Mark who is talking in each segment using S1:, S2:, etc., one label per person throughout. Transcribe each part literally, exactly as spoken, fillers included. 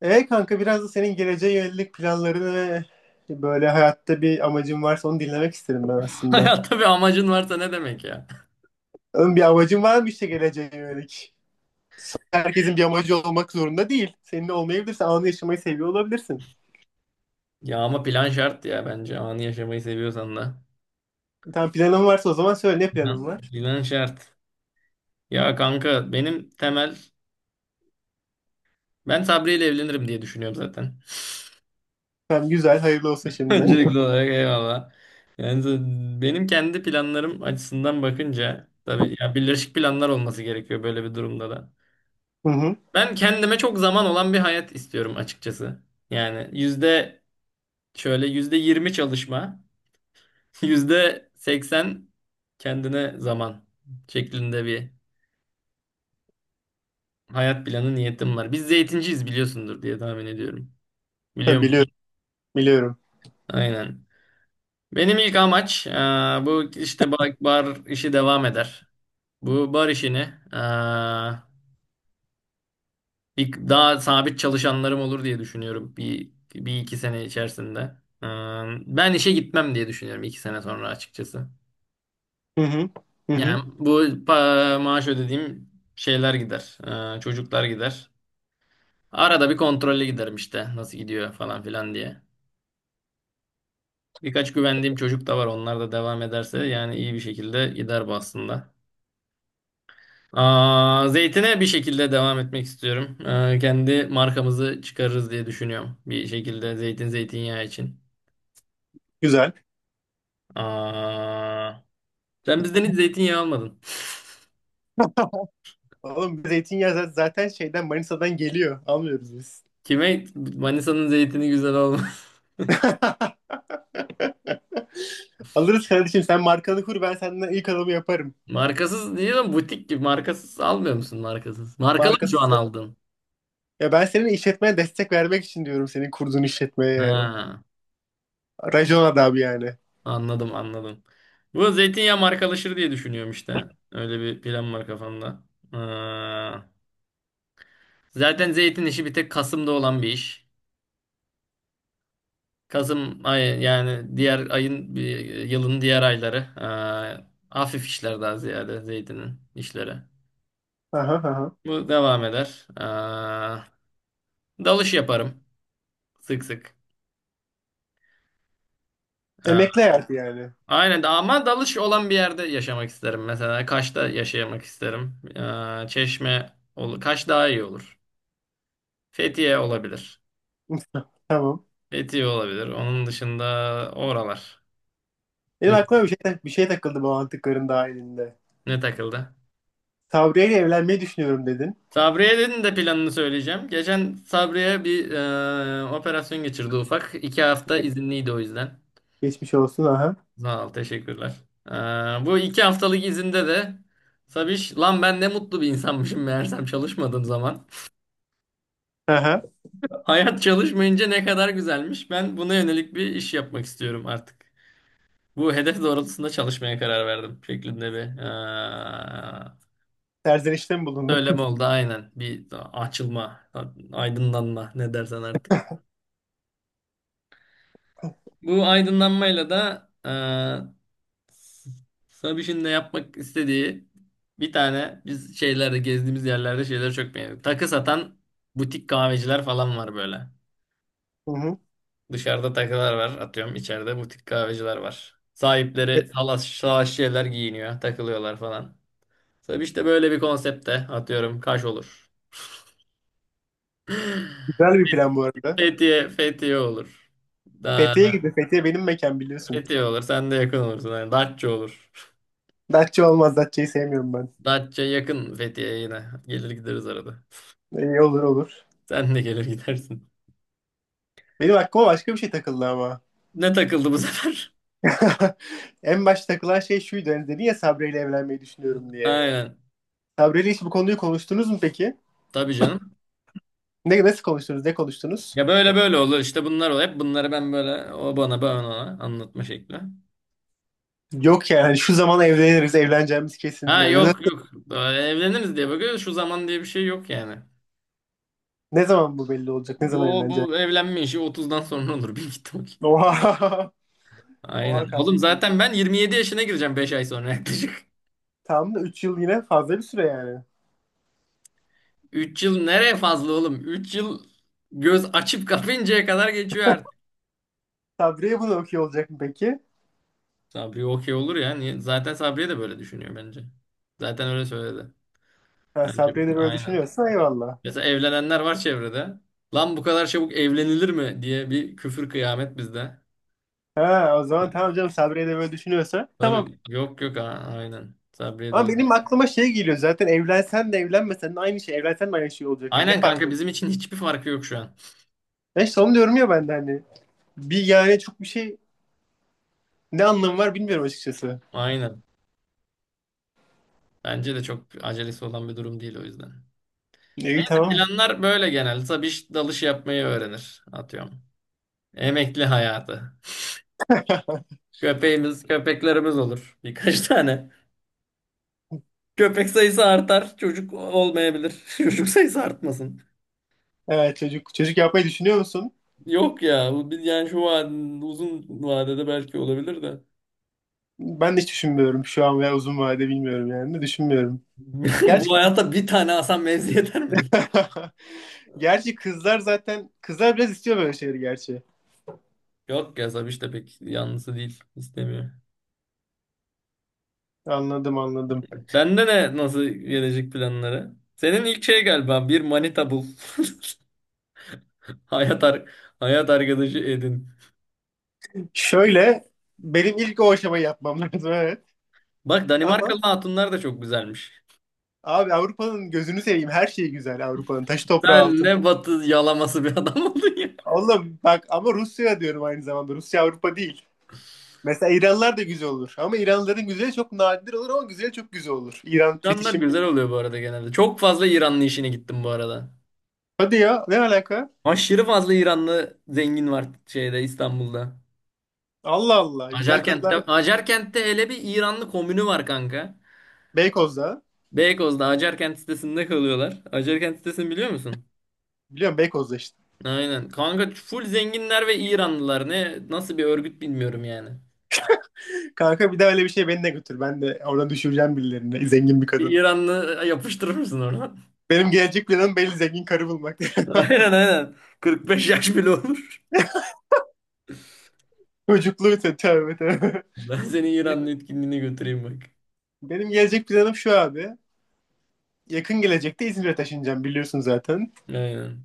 S1: E kanka biraz da senin geleceğe yönelik planlarını ve böyle hayatta bir amacın varsa onu dinlemek isterim ben aslında.
S2: Hayatta bir amacın varsa ne demek ya?
S1: Oğlum bir amacın var mı işte geleceğe yönelik? Herkesin bir amacı olmak zorunda değil. Senin de olmayabilirse anı yaşamayı seviyor olabilirsin.
S2: Ya ama plan şart ya bence anı yaşamayı seviyorsan da.
S1: Tamam, planın varsa o zaman söyle, ne planın
S2: Plan,
S1: var?
S2: plan şart. Ya kanka benim temel ben Sabri ile evlenirim diye düşünüyorum zaten.
S1: Tamam, güzel, hayırlı olsun şimdiden.
S2: Öncelikli olarak eyvallah. Yani z- benim kendi planlarım açısından bakınca tabii ya birleşik planlar olması gerekiyor böyle bir durumda da.
S1: Hı hı.
S2: Ben kendime çok zaman olan bir hayat istiyorum açıkçası. Yani yüzde şöyle yüzde yirmi çalışma. Yüzde seksen kendine zaman şeklinde bir hayat planı niyetim var. Biz zeytinciyiz biliyorsundur diye tahmin ediyorum. Biliyor
S1: Tabii biliyorum,
S2: musun?
S1: biliyorum.
S2: Aynen. Benim ilk amaç e, bu işte bar, bar işi devam eder. Bu bar işini e, ilk daha sabit çalışanlarım olur diye düşünüyorum bir, bir iki sene içerisinde. E, Ben işe gitmem diye düşünüyorum iki sene sonra açıkçası.
S1: Hı hı. Hı hı.
S2: Yani bu pa- maaş ödediğim şeyler gider. Ee, çocuklar gider. Arada bir kontrole giderim işte nasıl gidiyor falan filan diye. Birkaç güvendiğim çocuk da var. Onlar da devam ederse yani iyi bir şekilde gider bu aslında. Aa, zeytine bir şekilde devam etmek istiyorum. Ee, kendi markamızı çıkarırız diye düşünüyorum. Bir şekilde zeytin zeytinyağı için.
S1: Güzel.
S2: Aa, Sen bizden hiç zeytinyağı almadın.
S1: Oğlum zeytinyağı zaten şeyden, Manisa'dan geliyor. Almıyoruz biz.
S2: Kime Manisa'nın zeytini güzel olmaz.
S1: Alırız kardeşim, sen markanı kur, ben senden ilk adamı yaparım.
S2: Markasız değil ama butik gibi. Markasız almıyor musun markasız? Markalı mı şu an
S1: Markası.
S2: aldın?
S1: Ya ben senin işletmeye destek vermek için diyorum, senin kurduğun işletmeye yani.
S2: Ha.
S1: Racon adamı yani.
S2: Anladım anladım. Bu zeytinyağı markalaşır diye düşünüyorum işte. Öyle bir plan var kafamda. Ee, Zaten zeytin işi bir tek Kasım'da olan bir iş. Kasım ayı yani diğer ayın bir- yılın diğer ayları. Ee, hafif işler daha ziyade zeytinin işleri.
S1: Aha, aha.
S2: Bu devam eder. Ee, dalış yaparım sık sık. Ee,
S1: Emekli hayatı yani.
S2: aynen ama dalış olan bir yerde yaşamak isterim. Mesela Kaş'ta yaşamak isterim. Ee, Çeşme olur, Kaş daha iyi olur. Fethiye olabilir.
S1: Tamam.
S2: Fethiye olabilir. Onun dışında oralar.
S1: Benim
S2: Düş-
S1: aklıma bir şey, tak- bir şey takıldı bu antıkların dahilinde.
S2: Ne takıldı?
S1: Sabriye ile evlenmeyi düşünüyorum dedin.
S2: Sabriye'nin de planını söyleyeceğim. Geçen Sabriye bir e, operasyon geçirdi ufak. İki hafta izinliydi o yüzden.
S1: Geçmiş olsun, aha.
S2: Sağ ol, teşekkürler. E, Bu iki haftalık izinde de Sabiş, lan ben ne mutlu bir insanmışım meğersem çalışmadığım zaman.
S1: Aha.
S2: Hayat çalışmayınca ne kadar güzelmiş. Ben buna yönelik bir iş yapmak istiyorum artık. Bu hedef doğrultusunda çalışmaya karar verdim şeklinde bir
S1: Serzenişte mi bulundun?
S2: söylem oldu aynen. Bir açılma, aydınlanma ne dersen artık. Bu aydınlanmayla da e, Sabiş'in de yapmak istediği bir tane biz şeylerde gezdiğimiz yerlerde şeyleri çok beğendik. Takı satan butik kahveciler falan var böyle.
S1: Hı hı.
S2: Dışarıda takılar var atıyorum içeride butik kahveciler var. Sahipleri salaş, salaş şeyler giyiniyor takılıyorlar falan. Sabiş de böyle bir konsepte atıyorum Kaş olur.
S1: Güzel bir plan bu arada.
S2: Fethiye, Fethiye olur da
S1: Fethiye'ye gidin. Fethiye benim mekan, biliyorsun.
S2: Fethiye olur. Sen de yakın olursun. Yani Datça olur.
S1: Datça olmaz. Datça'yı sevmiyorum ben.
S2: Datça yakın Fethiye'ye yine. Gelir gideriz arada.
S1: İyi, olur olur.
S2: Sen de gelir gidersin.
S1: Benim aklıma başka bir şey takıldı ama.
S2: Ne takıldı bu sefer?
S1: En başta takılan şey şuydu. Hani dedin ya Sabri ile evlenmeyi düşünüyorum diye.
S2: Aynen.
S1: Sabri ile hiç bu konuyu konuştunuz mu peki?
S2: Tabii canım.
S1: Ne, nasıl konuştunuz? Ne konuştunuz?
S2: Ya böyle böyle olur. İşte bunlar olur. Hep bunları ben böyle o bana ben ona anlatma şekli.
S1: Yok yani hani şu zaman evleniriz. Evleneceğimiz kesin.
S2: Ha,
S1: Yani ne,
S2: yok yok. Böyle evleniriz diye bakıyoruz. Şu zaman diye bir şey yok yani.
S1: ne zaman bu belli olacak? Ne zaman
S2: Bu
S1: evleneceğiz?
S2: bu evlenme işi otuzdan sonra olur. Bir git
S1: Oha.
S2: Aynen.
S1: Oha
S2: Oğlum
S1: kardeşim.
S2: zaten ben yirmi yedi yaşına gireceğim beş ay sonra yaklaşık.
S1: Tam da üç yıl, yine fazla bir süre yani.
S2: Üç yıl nereye fazla oğlum? Üç yıl göz açıp kapayıncaya kadar geçiyor artık.
S1: Sabri'ye bunu okuyor olacak mı peki?
S2: Sabri okey olur ya. Niye? Zaten Sabriye de böyle düşünüyor bence. Zaten öyle söyledi.
S1: Ha,
S2: Bence
S1: Sabri'ye de böyle
S2: aynen.
S1: düşünüyorsa eyvallah.
S2: Mesela evlenenler var çevrede. Lan bu kadar çabuk evlenilir mi diye bir küfür kıyamet bizde.
S1: Ha, o zaman tamam canım, Sabri'ye de böyle düşünüyorsa tamam.
S2: Tabii yok yok a- aynen. Sabriye de
S1: Ama
S2: öyle.
S1: benim aklıma şey geliyor, zaten evlensen de evlenmesen de aynı şey. Evlensen de aynı şey olacak yani, ne
S2: Aynen
S1: fark
S2: kanka
S1: var?
S2: bizim için hiçbir farkı yok şu an.
S1: Ben işte onu diyorum ya, ben de hani. Bir yani çok bir şey, ne anlamı var bilmiyorum açıkçası.
S2: Aynen. Bence de çok acelesi olan bir durum değil o yüzden.
S1: E, İyi,
S2: Neyse,
S1: tamam.
S2: planlar böyle genelde. Tabii iş- dalış yapmayı öğrenir. Atıyorum. Emekli hayatı. Köpeğimiz, köpeklerimiz olur. Birkaç tane. Köpek sayısı artar, çocuk olmayabilir. Çocuk sayısı artmasın.
S1: Evet, çocuk. Çocuk yapmayı düşünüyor musun?
S2: Yok ya, bu bir- yani şu an uzun vadede belki olabilir de.
S1: Ben de hiç düşünmüyorum şu an, veya uzun vadede bilmiyorum yani. Düşünmüyorum. Gerçi,
S2: Bu hayata bir tane Hasan Mevzi yeter midir?
S1: gerçi kızlar zaten, kızlar biraz istiyor böyle şeyleri gerçi.
S2: Yok ya Sabiş de pek yanlısı değil. İstemiyor.
S1: Anladım, anladım.
S2: Sende ne nasıl gelecek planları? Senin ilk şey galiba bir manita bul. Hayat, ar hayat arkadaşı edin.
S1: Şöyle, benim ilk o aşamayı yapmam lazım, evet.
S2: Bak Danimarkalı
S1: Ama
S2: hatunlar da çok güzelmiş.
S1: abi, Avrupa'nın gözünü seveyim. Her şeyi güzel Avrupa'nın. Taşı toprağı
S2: Sen
S1: altın.
S2: ne batı yalaması bir adam oldun ya.
S1: Oğlum bak ama Rusya diyorum aynı zamanda. Rusya Avrupa değil. Mesela İranlılar da güzel olur. Ama İranlıların güzeli çok nadir olur, ama güzeli çok güzel olur. İran
S2: İranlar
S1: fetişim.
S2: güzel oluyor bu arada genelde. Çok fazla İranlı işine gittim bu arada.
S1: Hadi ya, ne alaka?
S2: Aşırı fazla İranlı zengin var şeyde İstanbul'da.
S1: Allah Allah. Güzel
S2: Acarkent'te,
S1: karılar
S2: Acarkent'te hele bir İranlı komünü var kanka.
S1: Beykoz'da.
S2: Beykoz'da Acarkent sitesinde kalıyorlar. Acarkent sitesini biliyor musun?
S1: Biliyorum, Beykoz'da işte.
S2: Aynen. Kanka full zenginler ve İranlılar. Ne nasıl bir örgüt bilmiyorum yani.
S1: Kanka bir daha öyle bir şey, beni de götür. Ben de oradan düşüreceğim birilerini. Zengin bir
S2: Bir
S1: kadın.
S2: İranlı yapıştırır mısın oradan?
S1: Benim gelecek planım belli, zengin karı bulmak.
S2: Aynen aynen. kırk beş yaş bile olur.
S1: Çocukluğu, tövbe tövbe.
S2: Ben seni İranlı etkinliğine götüreyim bak.
S1: Benim gelecek planım şu abi. Yakın gelecekte İzmir'e taşınacağım, biliyorsun zaten.
S2: Aynen.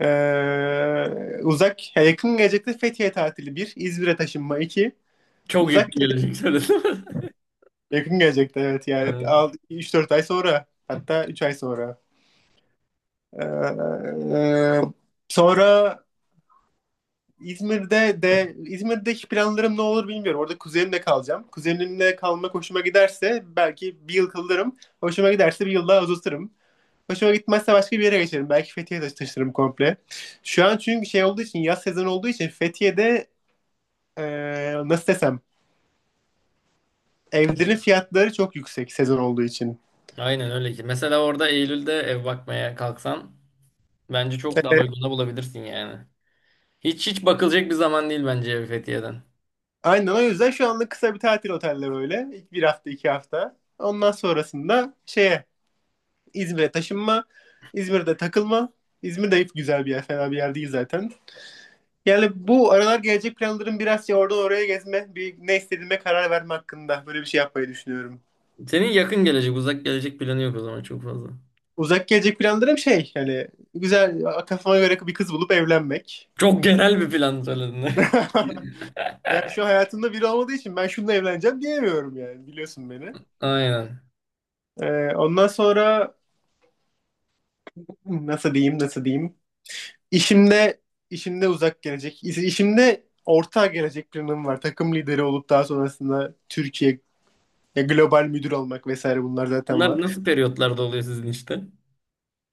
S1: Ee, uzak, ya yakın gelecekte Fethiye tatili bir, İzmir'e taşınma iki.
S2: Çok
S1: Uzak
S2: yakın
S1: gele-
S2: gelecek söyledim.
S1: Yakın gelecekte evet yani,
S2: Aynen.
S1: üç dört ay sonra, hatta üç ay sonra. Ee, Sonra İzmir'de de İzmir'deki planlarım ne olur bilmiyorum. Orada kuzenimle kalacağım. Kuzenimle kalmak hoşuma giderse belki bir yıl kalırım. Hoşuma giderse bir yıl daha uzatırım. Hoşuma gitmezse başka bir yere geçerim. Belki Fethiye'ye taşı- komple. Şu an çünkü şey olduğu için, yaz sezonu olduğu için Fethiye'de eee, nasıl desem, evlerin fiyatları çok yüksek, sezon olduğu için.
S2: Aynen öyle ki. Mesela orada Eylül'de ev bakmaya kalksan bence çok daha
S1: Eee,
S2: uyguna bulabilirsin yani. Hiç hiç bakılacak bir zaman değil bence ev Fethiye'den.
S1: aynen, o yüzden şu anlık kısa bir tatil, oteller öyle. Bir hafta, iki hafta. Ondan sonrasında şeye, İzmir'e taşınma. İzmir'de takılma. İzmir de hep güzel bir yer. Fena bir yer değil zaten. Yani bu aralar gelecek planlarım biraz şey, oradan oraya gezme. Bir ne istediğime karar verme hakkında. Böyle bir şey yapmayı düşünüyorum.
S2: Senin yakın gelecek, uzak gelecek planı yok o zaman çok fazla.
S1: Uzak gelecek planlarım şey yani, güzel, kafama göre bir kız bulup evlenmek.
S2: Çok genel bir plan söyledin.
S1: Yani şu hayatımda biri olmadığı için, ben şununla evleneceğim diyemiyorum yani, biliyorsun beni.
S2: Aynen.
S1: Ee, ondan sonra nasıl diyeyim nasıl diyeyim. İşimde, işimde uzak gelecek. iş- işimde orta gelecek planım var. Takım lideri olup daha sonrasında Türkiye ya global müdür olmak vesaire, bunlar zaten
S2: Bunlar
S1: var.
S2: nasıl periyotlarda oluyor sizin işte?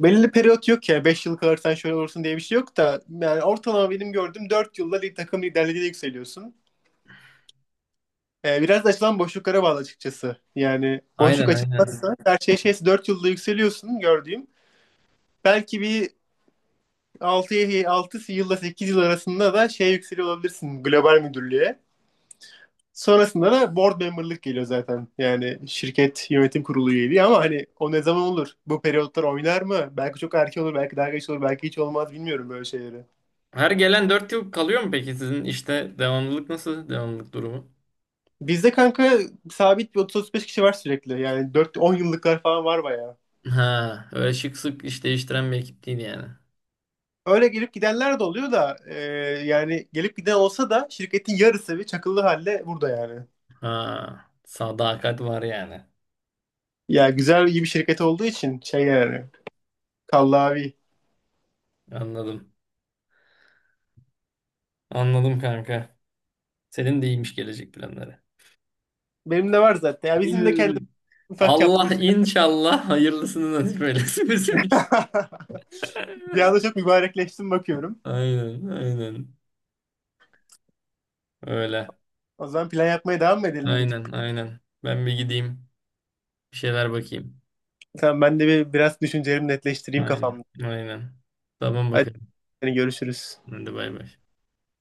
S1: Belirli periyot yok ya, beş yıl kalırsan şöyle olursun diye bir şey yok da, yani ortalama benim gördüğüm dört yılda lig- takım liderliğine yükseliyorsun. Ee, biraz da açılan boşluklara bağlı açıkçası. Yani boşluk
S2: Aynen aynen.
S1: açılmazsa, her şey şeyse, dört yılda yükseliyorsun gördüğüm. Belki bir altı 6 yılla sekiz yıl arasında da şey, yükseliyor olabilirsin global müdürlüğe. Sonrasında da board member'lık geliyor zaten. Yani şirket yönetim kurulu üyeliği, ama hani o ne zaman olur? Bu periyotlar oynar mı? Belki çok erken olur, belki daha geç olur, belki hiç olmaz, bilmiyorum böyle şeyleri.
S2: Her gelen dört yıl kalıyor mu peki sizin işte devamlılık nasıl? Devamlılık durumu?
S1: Bizde kanka sabit bir otuz otuz beş kişi var sürekli. Yani dört, on yıllıklar falan var bayağı.
S2: Ha, öyle şık sık iş değiştiren bir ekip değil yani.
S1: Öyle gelip gidenler de oluyor da e, yani gelip giden olsa da şirketin yarısı bir çakıllı halde burada yani.
S2: Ha, sadakat var yani.
S1: Ya güzel, iyi bir şirket olduğu için şey yani, kallavi.
S2: Anladım. Anladım kanka. Senin de iyiymiş gelecek planları.
S1: Benim de var zaten. Ya bizim de kendimiz,
S2: İn-
S1: ufak çaplı bir
S2: Allah
S1: şey.
S2: inşallah hayırlısını nasip eylesin bizim için.
S1: Bir anda çok mübarekleştim bakıyorum.
S2: Aynen, aynen. Öyle.
S1: O zaman plan yapmaya devam mı edelim gidip?
S2: Aynen, aynen. Ben bir gideyim. Bir şeyler bakayım.
S1: Tamam, ben de bir, biraz düşüncelerimi netleştireyim
S2: Aynen,
S1: kafamda.
S2: aynen. Tamam
S1: Hadi,
S2: bakalım.
S1: hani görüşürüz.
S2: Hadi bay bay.